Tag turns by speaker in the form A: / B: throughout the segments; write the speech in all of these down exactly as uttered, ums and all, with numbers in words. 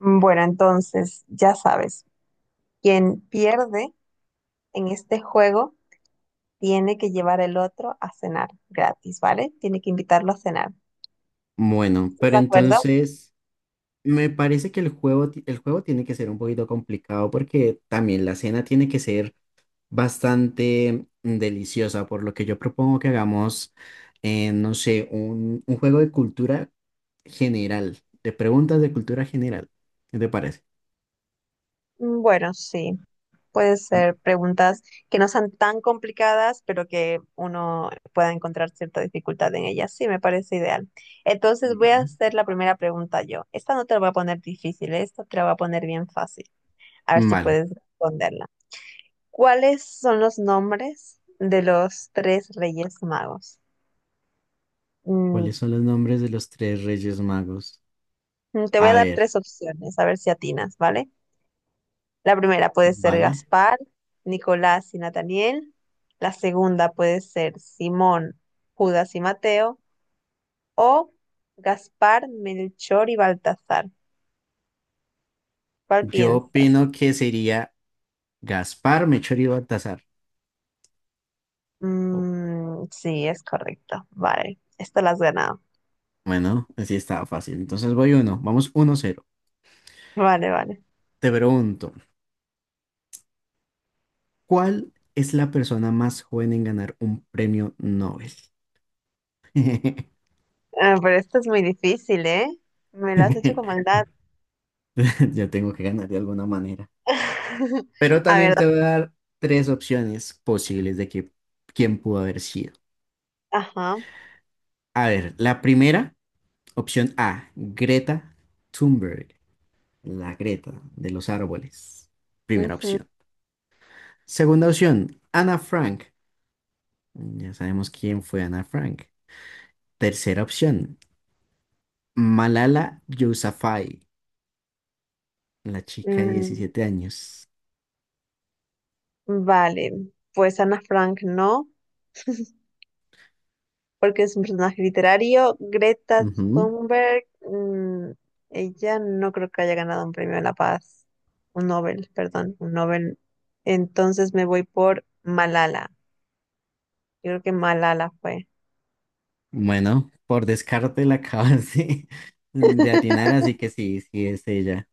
A: Mm, Bueno, entonces, ya sabes, quien pierde en este juego tiene que llevar el otro a cenar gratis, ¿vale? Tiene que invitarlo a cenar.
B: Bueno,
A: ¿Estás
B: pero
A: de acuerdo?
B: entonces me parece que el juego, ti- el juego tiene que ser un poquito complicado porque también la cena tiene que ser bastante deliciosa, por lo que yo propongo que hagamos, eh, no sé, un, un juego de cultura general, de preguntas de cultura general. ¿Qué te parece?
A: Mm, Bueno, sí, puede ser preguntas que no sean tan complicadas, pero que uno pueda encontrar cierta dificultad en ellas. Sí, me parece ideal. Entonces,
B: Mm,
A: voy a
B: vale.
A: hacer la primera pregunta yo. Esta no te la voy a poner difícil, esta te la voy a poner bien fácil. A ver si
B: Vale.
A: puedes responderla. ¿Cuáles son los nombres de los tres reyes magos? Mm,
B: ¿Cuáles son los nombres de los tres reyes magos?
A: te voy
B: A
A: a dar
B: ver,
A: tres opciones, a ver si atinas, ¿vale? La primera puede ser
B: vale.
A: Gaspar, Nicolás y Nataniel. La segunda puede ser Simón, Judas y Mateo. O Gaspar, Melchor y Baltasar. ¿Cuál
B: Yo
A: piensas?
B: opino que sería Gaspar, Melchor y Baltasar.
A: Mm, sí, es correcto. Vale, esto lo has ganado.
B: Bueno, así estaba fácil. Entonces voy uno. Vamos uno cero.
A: Vale, vale.
B: Te pregunto, ¿cuál es la persona más joven en ganar un premio Nobel?
A: Ah, pero esto es muy difícil, ¿eh? Me lo has hecho con maldad.
B: Yo tengo que ganar de alguna manera. Pero
A: A
B: también
A: ver,
B: te voy a dar tres opciones posibles de que, quién pudo haber sido.
A: ajá.
B: A ver, la primera, opción A, Greta Thunberg, la Greta de los árboles. Primera
A: Ujú,
B: opción. Segunda opción, Ana Frank. Ya sabemos quién fue Ana Frank. Tercera opción, Malala Yousafzai, la chica de
A: mm,
B: diecisiete años.
A: vale, pues Ana Frank no, porque es un personaje literario. Greta
B: Ujú.
A: Thunberg, mm, ella no creo que haya ganado un premio de la paz, un Nobel, perdón, un Nobel. Entonces me voy por Malala. Yo creo que Malala fue.
B: Bueno, por descarte la acabas de, de atinar, así que sí, sí es ella.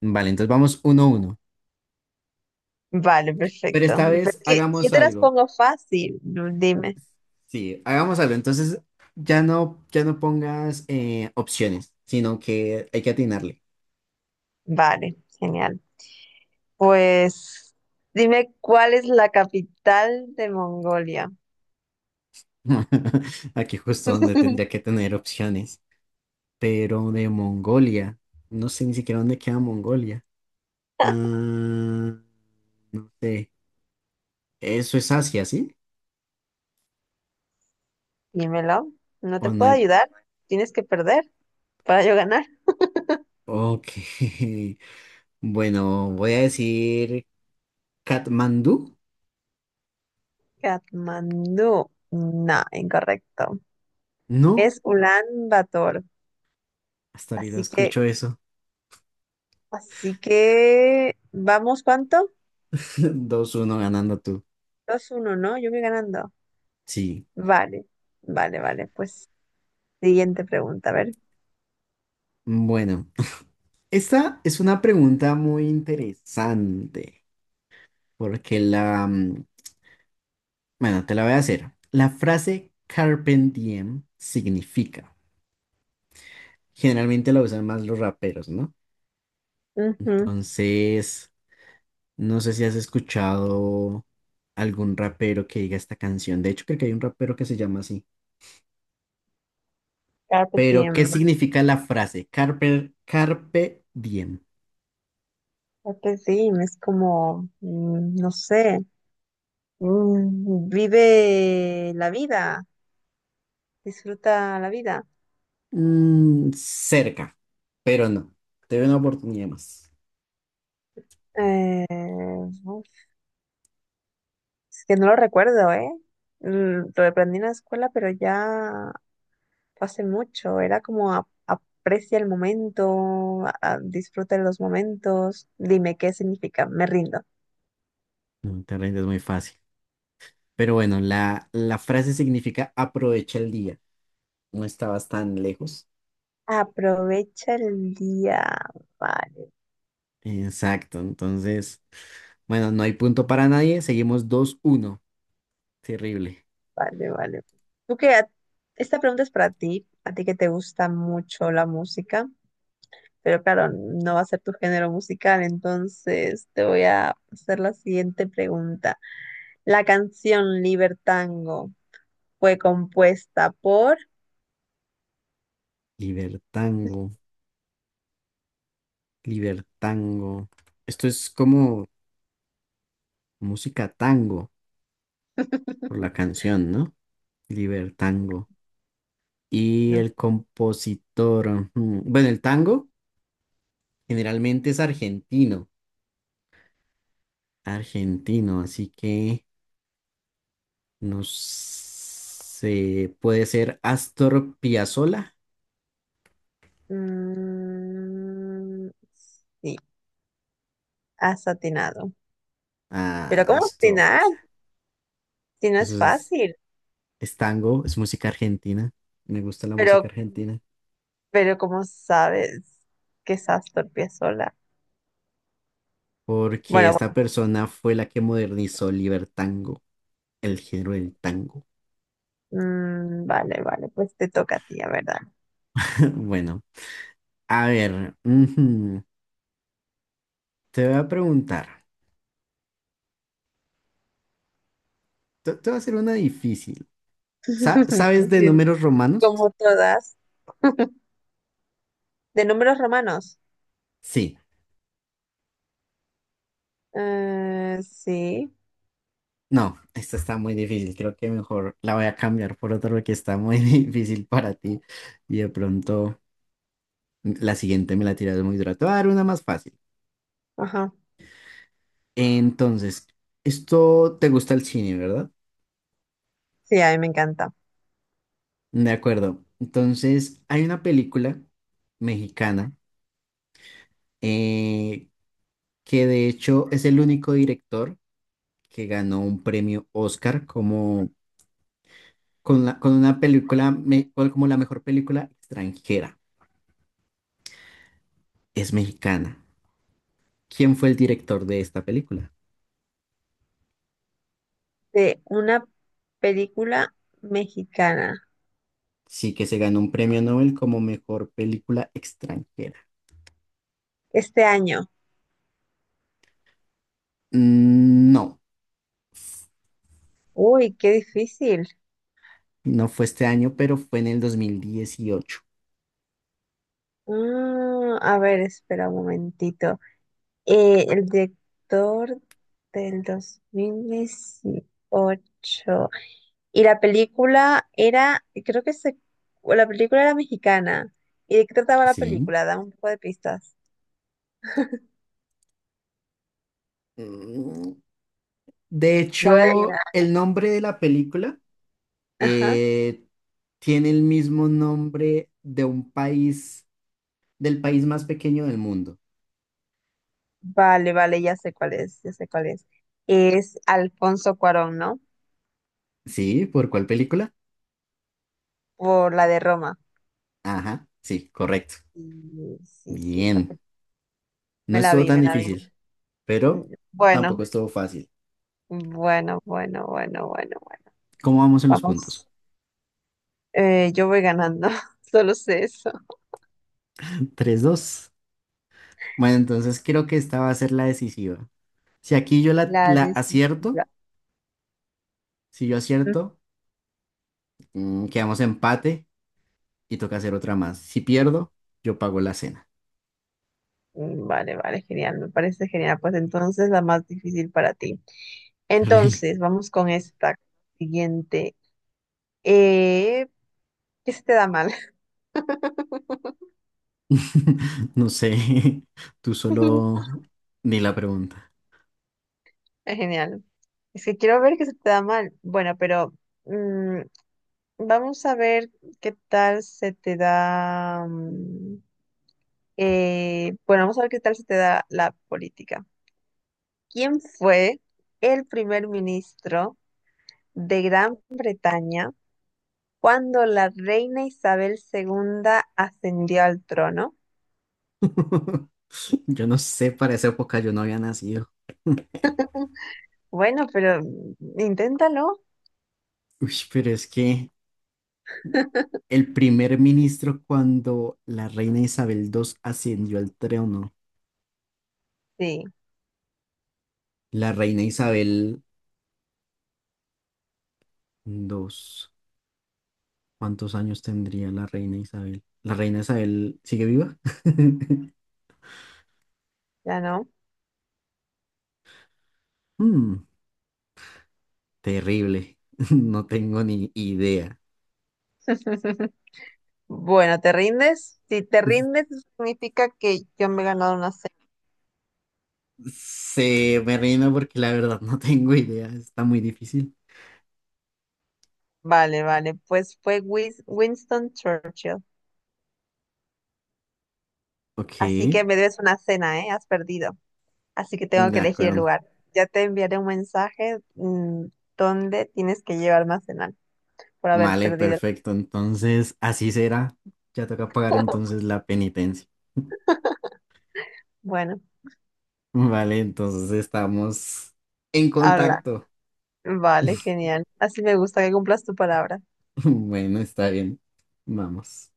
B: Vale, entonces vamos uno a uno.
A: Vale,
B: Pero
A: perfecto.
B: esta
A: Pero
B: vez
A: es que yo
B: hagamos
A: te las
B: algo.
A: pongo fácil, dime.
B: Sí, hagamos algo. Entonces ya no, ya no pongas eh, opciones, sino que hay que atinarle.
A: Vale, genial. Pues dime cuál es la capital de Mongolia.
B: Aquí justo donde tendría que tener opciones. Pero de Mongolia, no sé ni siquiera dónde queda Mongolia. Ah, no sé. Eso es Asia, ¿sí?
A: Dímelo. No te
B: O no
A: puedo
B: hay.
A: ayudar. Tienes que perder para yo ganar.
B: Ok. Bueno, voy a decir Katmandú.
A: Katmandú. No, incorrecto.
B: No,
A: Es Ulan Bator.
B: hasta ahorita
A: Así que,
B: escucho eso.
A: así que, ¿vamos cuánto?
B: Dos uno, ganando tú.
A: Dos uno, ¿no? Yo voy ganando.
B: Sí.
A: Vale, vale, vale. Pues siguiente pregunta, a ver.
B: Bueno, esta es una pregunta muy interesante. Porque la. mm, bueno, te la voy a hacer. La frase Carpe Diem significa. Generalmente la usan más los raperos, ¿no?
A: Ujú.
B: Entonces. No sé si has escuchado algún rapero que diga esta canción. De hecho, creo que hay un rapero que se llama así.
A: Carpe
B: Pero, ¿qué
A: diem.
B: significa la frase? Carpe, carpe diem.
A: Carpe diem es como, mm, no sé, mm, vive la vida, disfruta la vida.
B: Mm, cerca, pero no. Te doy una oportunidad más.
A: Eh, uf, es que no lo recuerdo, ¿eh? Mm, lo aprendí en la escuela, pero ya fue hace mucho. Era como a- aprecia el momento, a- a- disfruta de los momentos. Dime qué significa, me rindo.
B: No te rindes muy fácil. Pero bueno, la, la frase significa aprovecha el día. No estabas tan lejos.
A: Aprovecha el día, vale.
B: Exacto. Entonces, bueno, no hay punto para nadie. Seguimos dos uno. Terrible.
A: Vale, vale. Tú que a- esta pregunta es para ti, a ti que te gusta mucho la música, pero claro, no va a ser tu género musical, entonces te voy a hacer la siguiente pregunta. La canción Libertango fue compuesta por
B: Libertango. Libertango. Esto es como música tango por la canción, ¿no? Libertango. Y
A: Mm,
B: el compositor, ujú, bueno, el tango generalmente es argentino, argentino, así que no sé, puede ser Astor Piazzolla.
A: mm, sí, has atinado.
B: Ah,
A: Pero ¿cómo
B: esto
A: atinar?
B: fácil.
A: Si no es
B: Eso es,
A: fácil.
B: es tango, es música argentina. Me gusta la música
A: Pero
B: argentina
A: Pero como sabes que estás torpe sola.
B: porque
A: Bueno,
B: esta persona fue la que modernizó el libertango. El género del tango.
A: bueno, mm, vale, vale, pues te toca a ti, a verdad.
B: Bueno, a ver, ujú, te voy a preguntar. Te, te voy a hacer una difícil. Sa- ¿Sabes de números romanos?
A: Como todas. De números romanos.
B: Sí.
A: Eh, sí,
B: No, esta está muy difícil. Creo que mejor la voy a cambiar por otro que está muy difícil para ti. Y de pronto la siguiente me la tiras muy dura. Te voy a dar una más fácil.
A: ajá.
B: Entonces, esto te gusta el cine, ¿verdad?
A: Sí, a mí me encanta.
B: De acuerdo. Entonces, hay una película mexicana, eh, que de hecho es el único director que ganó un premio Oscar como con, la- con una película me- cual- como la mejor película extranjera. Es mexicana. ¿Quién fue el director de esta película?
A: De una película mexicana.
B: Sí, que se ganó un premio Nobel como mejor película extranjera.
A: Este año.
B: Mm, No,
A: Uy, qué difícil.
B: no fue este año, pero fue en el dos mil dieciocho.
A: Ah, a ver, espera un momentito. Eh, el director del dos mil dieciocho. Y la película era, creo que se, o la película era mexicana. ¿Y de qué trataba la
B: Sí.
A: película? Dame un poco de pistas.
B: Mm, De
A: La voy a adivinar.
B: hecho, el nombre de la película,
A: Ajá.
B: eh, tiene el mismo nombre de un país, del país más pequeño del mundo.
A: Vale, vale, ya sé cuál es, ya sé cuál es. Es Alfonso Cuarón, ¿no?
B: ¿Sí? ¿Por cuál película?
A: Por la de Roma.
B: Ajá, sí, correcto.
A: Y sí, sí, esa
B: Bien.
A: película.
B: No
A: Me la
B: estuvo
A: vi,
B: tan
A: me la vi.
B: difícil,
A: Mm,
B: pero
A: bueno,
B: tampoco estuvo fácil.
A: bueno, bueno, bueno, bueno, bueno.
B: ¿Cómo vamos en los
A: Vamos.
B: puntos?
A: Eh, yo voy ganando, solo sé eso.
B: Tres dos. Bueno, entonces creo que esta va a ser la decisiva. Si aquí yo la,
A: La
B: la acierto,
A: decisiva.
B: si yo
A: Mm,
B: acierto, mm, quedamos empate y toca hacer otra más. Si pierdo, yo pago la cena.
A: vale, vale, genial, me parece genial. Pues entonces la más difícil para ti. Entonces, vamos con esta siguiente. Eh, ¿qué se te da mal?
B: No sé, tú solo ni la pregunta.
A: Genial. Es que quiero ver qué se te da mal. Bueno, pero mm, vamos a ver qué tal se te da. mm, eh, bueno, vamos a ver qué tal se te da la política. ¿Quién fue el primer ministro de Gran Bretaña cuando la reina Isabel segunda ascendió al trono?
B: Yo no sé, para esa época yo no había nacido.
A: Bueno, pero mm, inténtalo.
B: Uy, pero es que el primer ministro cuando la reina Isabel segunda ascendió al trono,
A: Sí,
B: la reina Isabel segunda, ¿cuántos años tendría la reina Isabel? ¿La reina Isabel sigue viva?
A: ya no.
B: Mm, Terrible, no tengo ni idea.
A: Bueno, ¿te rindes? Si te rindes, significa que yo me he ganado una cena.
B: Se me rindo porque la verdad no tengo idea, está muy difícil.
A: Vale, vale, pues fue Wis- Winston Churchill.
B: Ok,
A: Así que
B: de
A: me debes una cena, ¿eh? Has perdido. Así que tengo que elegir el
B: acuerdo.
A: lugar. Ya te enviaré un mensaje, mm, donde tienes que llevarme a cenar por haber
B: Vale,
A: perdido.
B: perfecto. Entonces, así será. Ya toca pagar entonces la penitencia.
A: Bueno,
B: Vale, entonces estamos en
A: habla.
B: contacto.
A: Vale, genial. Así me gusta que cumplas tu palabra.
B: Bueno, está bien. Vamos.